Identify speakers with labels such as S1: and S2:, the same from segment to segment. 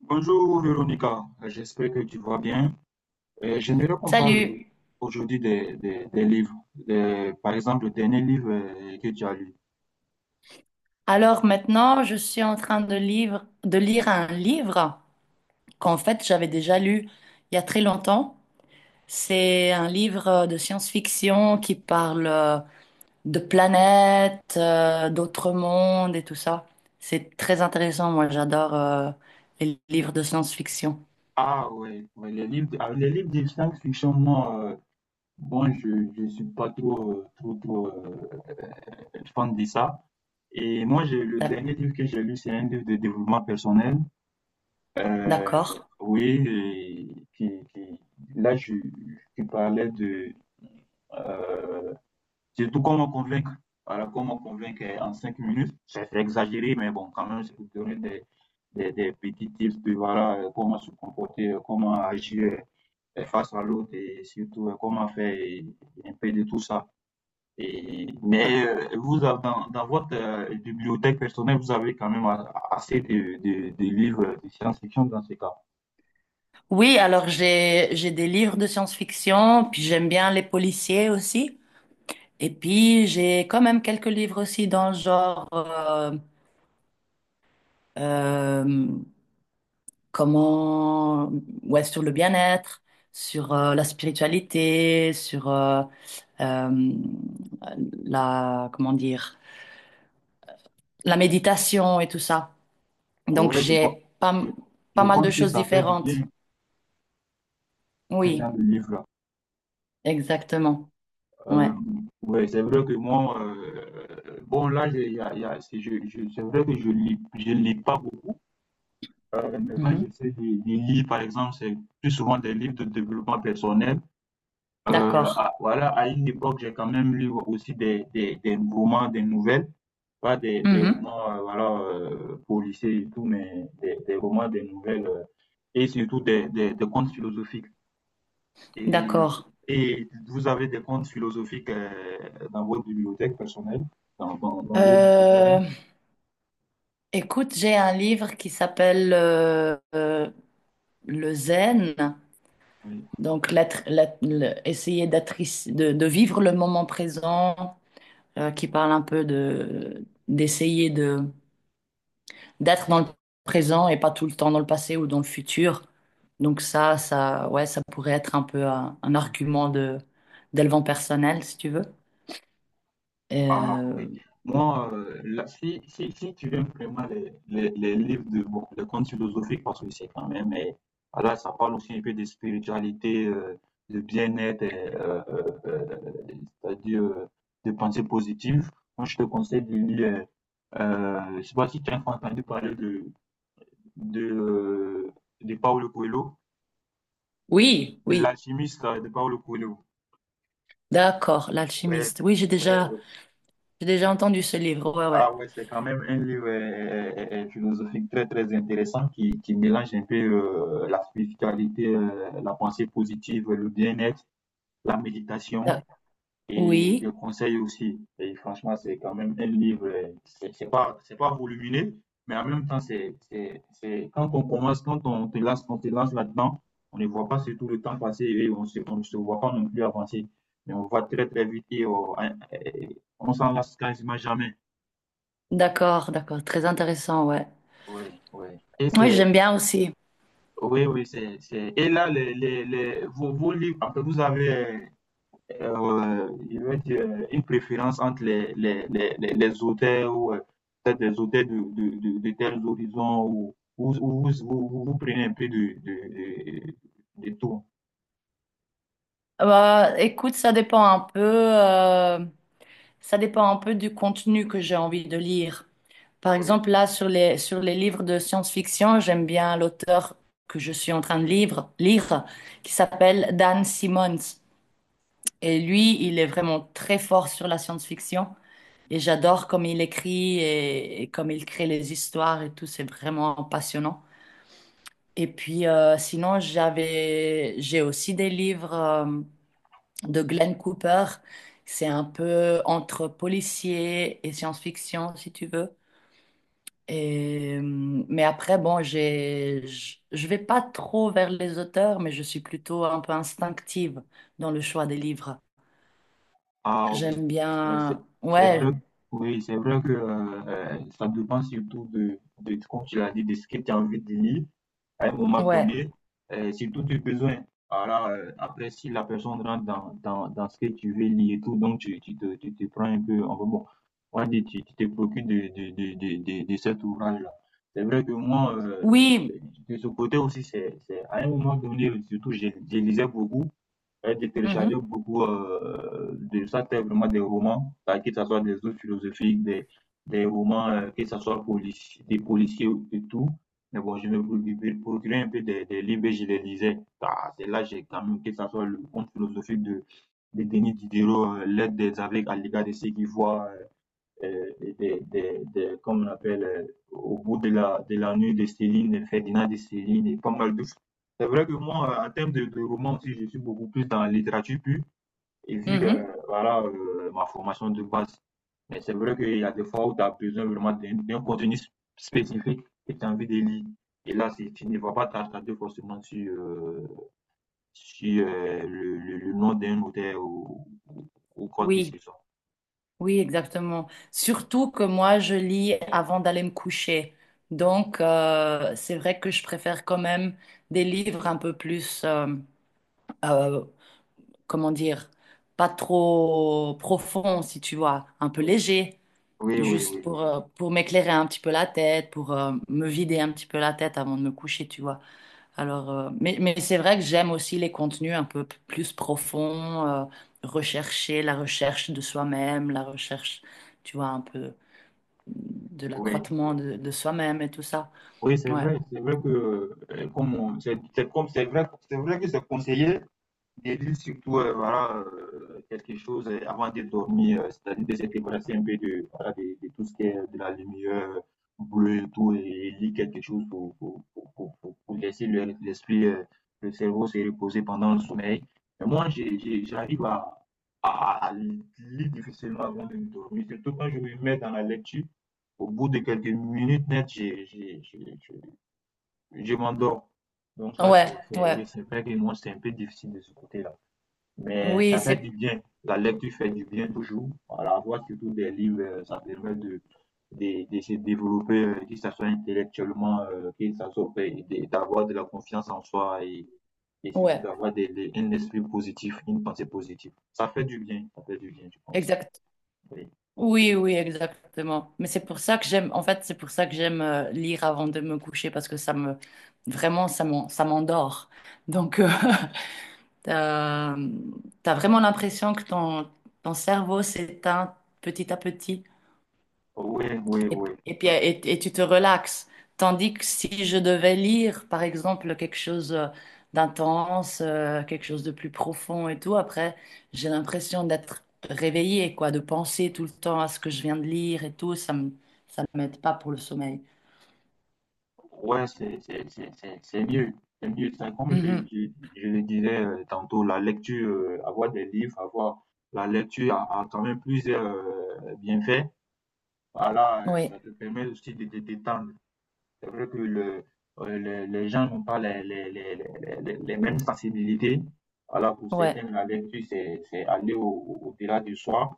S1: Bonjour Véronica, j'espère que tu vas bien. J'aimerais qu'on parle
S2: Salut.
S1: aujourd'hui des livres. Par exemple, le dernier livre que tu as lu.
S2: Alors maintenant, je suis en train de lire un livre qu'en fait j'avais déjà lu il y a très longtemps. C'est un livre de science-fiction qui parle de planètes, d'autres mondes et tout ça. C'est très intéressant. Moi, j'adore les livres de science-fiction.
S1: Ah ouais, ouais, les livres, ah, les livres de science-fiction, moi, bon, je ne suis pas trop, fan de ça. Et moi, le
S2: D'ac-
S1: dernier livre que j'ai lu, c'est un livre de développement personnel. Euh,
S2: D'accord.
S1: oui, et qui là, je parlais de... euh, Surtout qu'on me convainque. Voilà, comment convaincre en 5 minutes. C'est exagéré, mais bon, quand même, c'est pour donner des petits tips de voilà, comment se comporter, comment agir face à l'autre et surtout comment faire un peu de tout ça. Et, mais vous, dans votre bibliothèque personnelle, vous avez quand même assez de livres de science-fiction dans ces cas.
S2: Oui, alors j'ai des livres de science-fiction, puis j'aime bien les policiers aussi. Et puis, j'ai quand même quelques livres aussi dans le genre, euh, comment, ouais, sur le bien-être, sur la spiritualité, sur euh, la, comment dire, la méditation et tout ça. Donc,
S1: Ouais,
S2: j'ai pas,
S1: je,
S2: pas
S1: je
S2: mal de
S1: pense que
S2: choses
S1: ça fait du
S2: différentes.
S1: bien, ces
S2: Oui,
S1: genres de livres-là.
S2: exactement.
S1: Euh,
S2: Ouais.
S1: ouais, c'est vrai que moi, bon, là, j'ai- il y a- c'est je- c'est vrai que je lis pas beaucoup. Maintenant,
S2: Mhm.
S1: j'essaie de lire, par exemple, c'est plus souvent des livres de développement personnel.
S2: D'accord.
S1: Voilà, à une époque, j'ai quand même lu aussi des romans, des nouvelles, pas des
S2: Mhm.
S1: romans, voilà, policiers et tout, mais des romans, des nouvelles, et surtout des contes philosophiques et,
S2: D'accord.
S1: et vous avez des comptes philosophiques dans votre bibliothèque personnelle, dans vos bibliothèques.
S2: Euh, Écoute, j'ai un livre qui s'appelle le zen,
S1: Oui.
S2: donc la tr- la- le- essayer de vivre le moment présent, qui parle un peu de d'essayer de d'être dans le présent et pas tout le temps dans le passé ou dans le futur. Donc ça, ouais, ça pourrait être un peu un argument de d'élevant personnel, si tu veux.
S1: Ah
S2: Euh,
S1: oui. Moi, là, si tu aimes vraiment les livres de bon, les contes philosophiques, parce que c'est quand même, là, ça parle aussi un peu de spiritualité, de bien-être, c'est-à-dire de pensée positive. Moi, je te conseille de lire, je ne sais pas si tu as entendu parler de, euh, de Paulo Coelho.
S2: oui,
S1: De
S2: oui,
S1: l'alchimiste de Paolo Coelho.
S2: d'accord,
S1: Ouais,
S2: l'alchimiste. Oui, j'ai déjà,
S1: ouais.
S2: j'ai déjà entendu ce livre. Ouais, ouais.
S1: Ah ouais, c'est quand même un livre philosophique très très intéressant qui mélange un peu la spiritualité, la pensée positive, le bien-être, la méditation.
S2: D'ac-
S1: Et je
S2: oui,
S1: conseille aussi. Et franchement, c'est quand même un livre, c'est pas, c'est pas volumineux, mais en même temps, c'est, quand on commence, quand on te lance là-dedans, on ne voit pas surtout le temps passer et on ne se voit pas non plus avancer. Mais on va très, très vite et on s'en lasse quasiment jamais.
S2: d'accord, d'accord, très intéressant, ouais.
S1: Oui, oui. Et
S2: Oui, j'aime bien aussi.
S1: oui, oui, et là, vos livres, après, vous avez, je veux dire, une préférence entre les auteurs ou peut-être les auteurs de tels horizons ou ou vous prenez un peu de tout.
S2: Bah, écoute, ça dépend un peu du contenu que j'ai envie de lire. Par exemple, là, sur les livres de science-fiction, j'aime bien l'auteur que je suis en train de lire, qui s'appelle Dan Simmons. Et lui, il est vraiment très fort sur la science-fiction. Et j'adore comme il écrit et comme il crée les histoires et tout. C'est vraiment passionnant. Et puis, sinon, j'ai aussi des livres de Glenn Cooper. C'est un peu entre policier et science-fiction, si tu veux. Et, euh, mais après, bon, j'ai, je vais pas trop vers les auteurs, mais je suis plutôt un peu instinctive dans le choix des livres.
S1: Ah, ok.
S2: J'aime
S1: Euh, c'est
S2: bien.
S1: c'est vrai,
S2: Ouais,
S1: oui, c'est vrai que ça dépend surtout de comme tu l'as dit, de ce que tu as envie de lire à un moment
S2: ouais.
S1: donné, surtout du besoin. Alors, après, si la personne rentre dans ce que tu veux lire et tout, donc tu te prends un peu, enfin bon, on va dire, tu te préoccupes de cet ouvrage-là. C'est vrai que moi,
S2: Oui.
S1: de ce côté aussi, c'est, à un moment donné, surtout, je lisais beaucoup. J'ai téléchargé
S2: Mhm,
S1: beaucoup de ça, c'est vraiment des romans, bah, que ce soit des œuvres philosophiques, des romans, que ce soit des policiers et tout. Mais bon, je me procurais un peu des livres et je les lisais. Bah, c'est là j'ai quand même, que ce soit le conte philosophique de Denis Diderot, L'aide des aveugles à l'égard de ceux qui voient, euh, des, des- des- comme on appelle, au bout de la nuit de Céline, Ferdinand de Céline et pas mal d'autres. C'est vrai que moi, en termes de romans aussi, je suis beaucoup plus dans la littérature pure, et vu que,
S2: mhm.
S1: voilà, ma formation de base. Mais c'est vrai qu'il y a des fois où tu as besoin vraiment d'un contenu spécifique que tu as envie de lire. Et là, c'est- tu ne vas pas t'attarder forcément sur, le nom d'un auteur ou ou quoi que
S2: Oui,
S1: ce soit.
S2: oui, exactement. Surtout que moi, je lis avant d'aller me coucher. Donc, c'est vrai que je préfère quand même des livres un peu plus. euh, comment dire, pas trop profond, si tu vois, un peu
S1: Oui,
S2: léger,
S1: oui, oui,
S2: juste
S1: oui,
S2: pour m'éclairer un petit peu la tête, pour me vider un petit peu la tête avant de me coucher, tu vois. Alors, mais c'est vrai que j'aime aussi les contenus un peu plus profonds, rechercher la recherche de soi-même, la recherche, tu vois, un peu de
S1: oui.
S2: l'accroissement
S1: Oui.
S2: de soi-même et tout ça.
S1: Oui,
S2: Ouais,
S1: c'est vrai que, comme on- c'est comme, c'est vrai que c'est conseillé de lire surtout, voilà, quelque chose avant de dormir, c'est-à-dire de se débarrasser un peu de, voilà, de tout ce qui est de la lumière bleue et tout, et lire quelque chose pour laisser l'esprit, le cerveau se reposer pendant le sommeil. Mais moi, j'arrive à lire difficilement avant de me dormir, surtout quand je me mets dans la lecture. Au bout de quelques minutes net, je m'endors. Donc là,
S2: ouais, ouais.
S1: oui, c'est vrai que moi, c'est un peu difficile de ce côté-là. Mais
S2: Oui,
S1: ça fait du bien. La lecture fait du bien toujours. Voilà, voir surtout des livres, ça permet de se développer, que ça soit intellectuellement, que ça soit d'avoir de la confiance en soi et surtout
S2: ouais,
S1: d'avoir un esprit positif, une pensée positive. Ça fait du bien, ça fait du bien, je pense. Oui,
S2: oui, oui, exactement. Mais c'est pour ça que j'aime lire avant de me coucher parce que vraiment, ça m'endort. Donc, t'as, t'as vraiment l'impression que ton cerveau s'éteint petit à petit
S1: oui, oui,
S2: et,
S1: oui.
S2: puis- et puis,
S1: Oui.
S2: et, et tu te relaxes. Tandis que si je devais lire, par exemple, quelque chose d'intense, quelque chose de plus profond et tout, après, j'ai l'impression d'être réveillée, quoi, de penser tout le temps à ce que je viens de lire et tout, ça m'aide pas pour le sommeil.
S1: Ouais, c'est mieux. C'est mieux. C'est comme
S2: Mhm.
S1: je le disais tantôt, la lecture, avoir des livres, avoir la lecture a, a quand même plusieurs bienfaits. Voilà,
S2: Oui,
S1: ça te permet aussi de te détendre. C'est vrai que le, les, gens n'ont pas les mêmes sensibilités. Voilà, pour
S2: ouais,
S1: certains, la lecture, c'est aller au-delà du soi.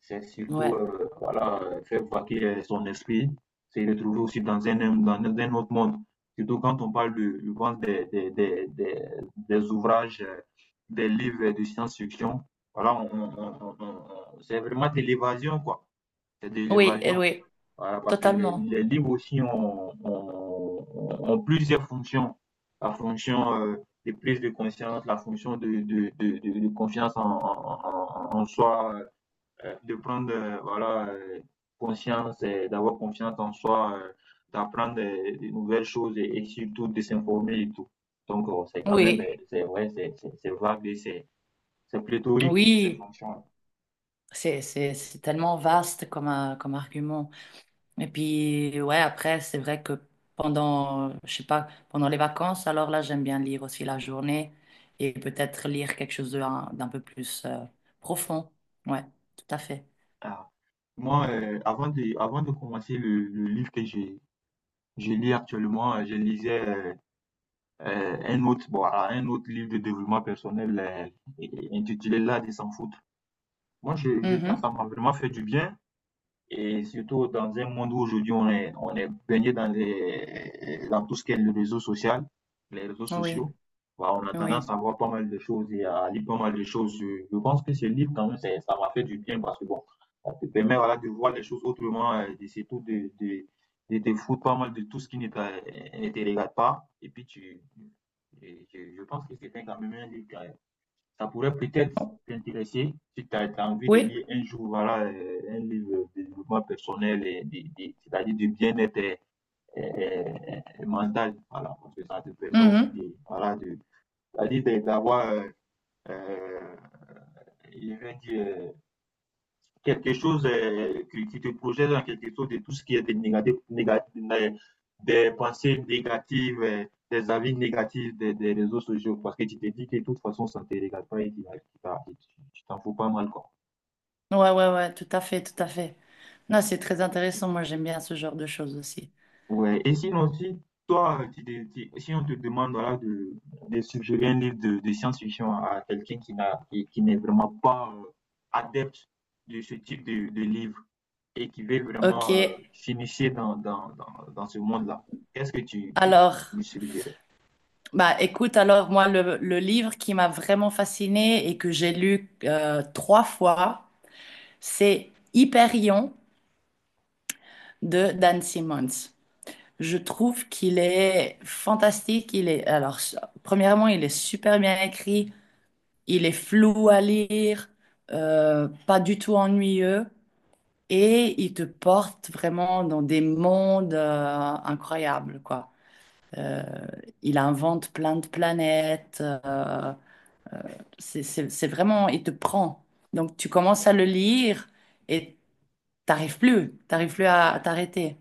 S1: C'est surtout,
S2: ouais.
S1: voilà, faire vaquer son esprit, se retrouver aussi dans un autre monde. Surtout quand on parle de, je pense, des ouvrages, des livres de science-fiction. Voilà, c'est vraiment de l'évasion, quoi. C'est de
S2: Oui, et
S1: l'évasion.
S2: oui,
S1: Voilà, parce que
S2: totalement.
S1: les livres aussi ont plusieurs fonctions. La fonction de prise de conscience, la fonction de confiance en en soi, de prendre voilà, conscience, et d'avoir confiance en soi, d'apprendre de nouvelles choses et surtout de s'informer et tout. Donc, c'est quand même,
S2: Oui,
S1: c'est vrai, c'est vague et c'est pléthorique, ces
S2: oui.
S1: fonctions.
S2: C'est tellement vaste comme, comme argument. Et puis, ouais, après, c'est vrai que je sais pas, pendant les vacances, alors là, j'aime bien lire aussi la journée et peut-être lire quelque chose d'un peu plus profond. Ouais, tout à fait.
S1: Ah. Moi, avant avant de commencer le livre que j'ai je lis actuellement, je lisais un autre, bon, voilà, un autre livre de développement personnel intitulé L'art de s'en foutre. Moi, ça, ça
S2: Mhm.
S1: m'a vraiment fait du bien. Et surtout dans un monde où aujourd'hui on est baigné dans les, dans tout ce qui est le réseau social, les réseaux
S2: Oui,
S1: sociaux, bah, on a
S2: oui.
S1: tendance à voir pas mal de choses et à lire pas mal de choses. Je pense que ce livre, quand même, c'est- ça m'a fait du bien parce que bon, ça te permet voilà, de voir les choses autrement et surtout de te foutre pas mal de tout ce qui ne te regarde pas. Et puis et je pense que c'était quand même un livre ça pourrait peut-être t'intéresser si tu as envie de
S2: Oui.
S1: lire un jour voilà, un livre de développement personnel, et c'est-à-dire de bien-être mental. Voilà, parce que ça te permet aussi
S2: Mhm.
S1: de, voilà, de, c'est-à-dire d'avoir, euh, je vais dire, quelque chose qui qui te projette dans quelque chose de tout ce qui est des négatifs, des pensées négatives, des avis négatifs des réseaux sociaux, parce que tu te dis que de toute façon, ça ne te regarde pas et tu t'en fous pas mal, quoi.
S2: Ouais, ouais, ouais, tout à fait, tout à fait. Non, c'est très intéressant. Moi, j'aime bien ce genre de choses aussi.
S1: Ouais. Et sinon, si toi, si on te demande voilà, de suggérer un livre de science-fiction à quelqu'un qui n'est vraiment pas adepte de ce type de livre et qui veut
S2: Ok,
S1: vraiment s'initier dans ce monde-là, qu'est-ce que tu
S2: alors,
S1: lui suggérais?
S2: bah écoute, alors moi, le livre qui m'a vraiment fascinée et que j'ai lu trois fois, c'est Hyperion de Dan Simmons. Je trouve qu'il est fantastique. Alors, premièrement, il est super bien écrit. Il est flou à lire, pas du tout ennuyeux. Et il te porte vraiment dans des mondes incroyables, quoi. Euh, il invente plein de planètes, c'est vraiment, il te prend. Donc, tu commences à le lire et t'arrives plus à t'arrêter.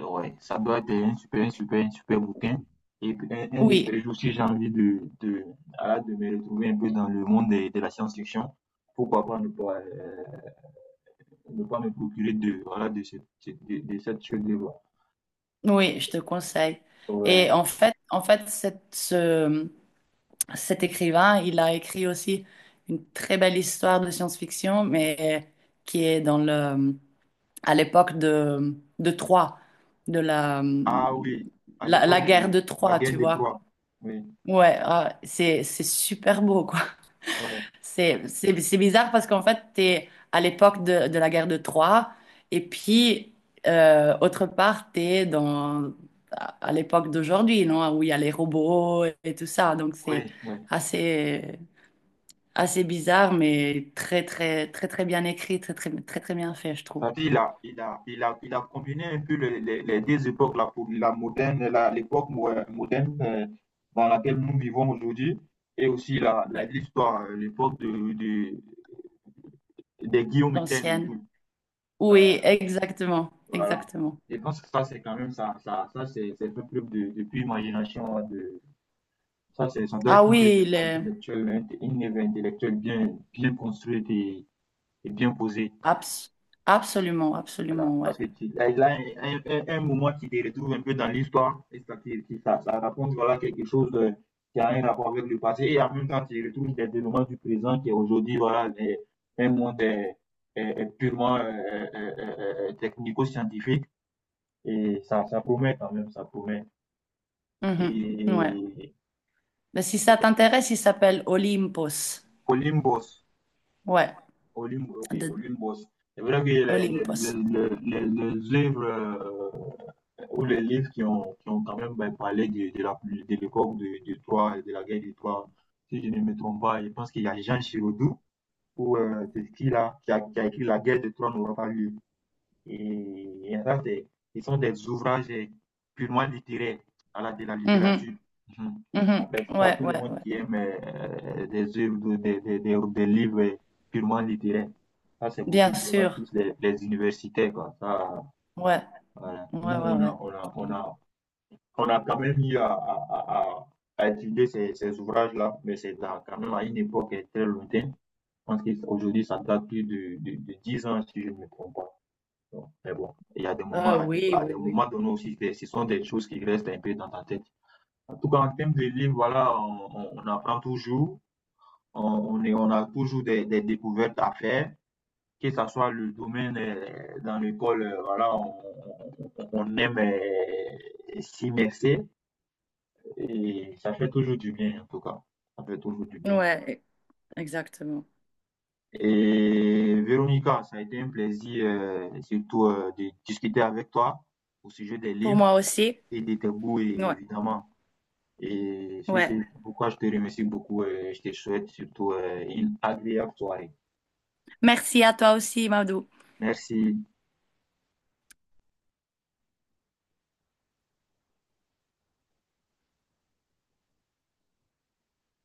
S1: Ouais, ça doit être un super, un super, un super bouquin. Et un de
S2: Oui,
S1: ces jours, si j'ai envie ah, de me retrouver un peu dans le monde la science-fiction, pourquoi pas ne pas, ne pas me procurer de, voilà, de cette chose de voir.
S2: oui, je te conseille.
S1: Ouais,
S2: Et
S1: ouais.
S2: en fait, cet écrivain, il a écrit aussi une très belle histoire de science-fiction, mais qui est à l'époque de Troie, de la,
S1: Ah oui, à
S2: la, la
S1: l'époque
S2: guerre
S1: de
S2: de
S1: la
S2: Troie,
S1: guerre
S2: tu
S1: de
S2: vois.
S1: Troie. Oui,
S2: Ouais, ah, c'est super beau, quoi.
S1: ouais,
S2: C'est bizarre parce qu'en fait, tu es à l'époque de la guerre de Troie et puis, autre part, tu es dans, à l'époque d'aujourd'hui, non? Où il y a les robots et tout ça. Donc, c'est
S1: oui, oui.
S2: assez, assez bizarre, mais très, très, très, très bien écrit, très, très, très, très bien fait, je trouve.
S1: C'est-à-dire, il a combiné un peu les deux époques, là, pour la moderne, l'époque moderne dans laquelle nous vivons aujourd'hui, et aussi
S2: Ouais.
S1: l'histoire, l'époque des Guillaume Tell et
S2: L'ancienne.
S1: tout. Euh,
S2: Oui, exactement,
S1: voilà.
S2: exactement.
S1: Je pense que ça, c'est quand même ça c'est un preuve de pure imagination. Hein, De, ça, c'est, ça doit
S2: Ah
S1: être
S2: oui, il est
S1: une œuvre intellectuelle bien, bien construite et bien posée.
S2: abs- absolument,
S1: Voilà,
S2: absolument, ouais.
S1: parce que là, il y a un moment qui te retrouve un peu dans l'histoire et ça, ça raconte voilà, quelque chose qui a un rapport avec le passé et en même temps tu retrouves des éléments du présent qui aujourd'hui voilà, un monde est purement technico-scientifique et ça promet quand même, ça promet.
S2: Mhm, ouais.
S1: Et
S2: Mais si ça t'intéresse, il s'appelle Olympos.
S1: Colimbos,
S2: Ouais,
S1: Olympe, ok,
S2: de
S1: Olympe Boss. C'est vrai que
S2: Olympos.
S1: les œuvres ou les livres qui ont quand même ben, parlé de, de l'époque de Troie, et de la guerre de Troie, si je ne me trompe pas, je pense qu'il y a Jean Giraudoux ou c'est qui là, qui a écrit La guerre de Troie n'aura pas lieu. Et là, des ils sont des ouvrages eh, purement littéraires, voilà, de la
S2: Mhm,
S1: littérature. Mhm.
S2: mhm.
S1: Après, c'est pas
S2: Ouais,
S1: tout le
S2: ouais,
S1: monde
S2: ouais.
S1: qui aime des œuvres, des livres eh, purement littéraires. Ça, c'est beaucoup
S2: Bien
S1: bien
S2: sûr.
S1: plus les universitaires, quoi. Ça,
S2: Ouais,
S1: voilà.
S2: ouais,
S1: Nous,
S2: ouais, ouais.
S1: on a quand même eu à étudier ces, ces ouvrages-là, mais c'est dans- quand même à une époque eh, très lointaine. Je pense qu'aujourd'hui, ça date plus de 10 ans, si je ne me trompe pas. Bon, mais bon, il y a des moments,
S2: Ah oui,
S1: à
S2: oui,
S1: des
S2: oui.
S1: moments donnés aussi, c'est- ce sont des choses qui restent un peu dans ta tête. En tout cas, en termes de livres, voilà, on apprend toujours, on a toujours des découvertes à faire, que ce soit le domaine dans l'école, voilà, on aime s'immerser et ça fait toujours du bien, en tout cas. Ça fait toujours du bien.
S2: Ouais, exactement.
S1: Et Véronica, ça a été un plaisir, surtout, de discuter avec toi au sujet des
S2: Pour
S1: livres.
S2: moi aussi.
S1: Et de tes goûts, et-
S2: Ouais,
S1: évidemment. Et c'est ce,
S2: ouais.
S1: pourquoi je te remercie beaucoup et je te souhaite surtout une agréable soirée.
S2: Merci à toi aussi, Madou.
S1: Merci.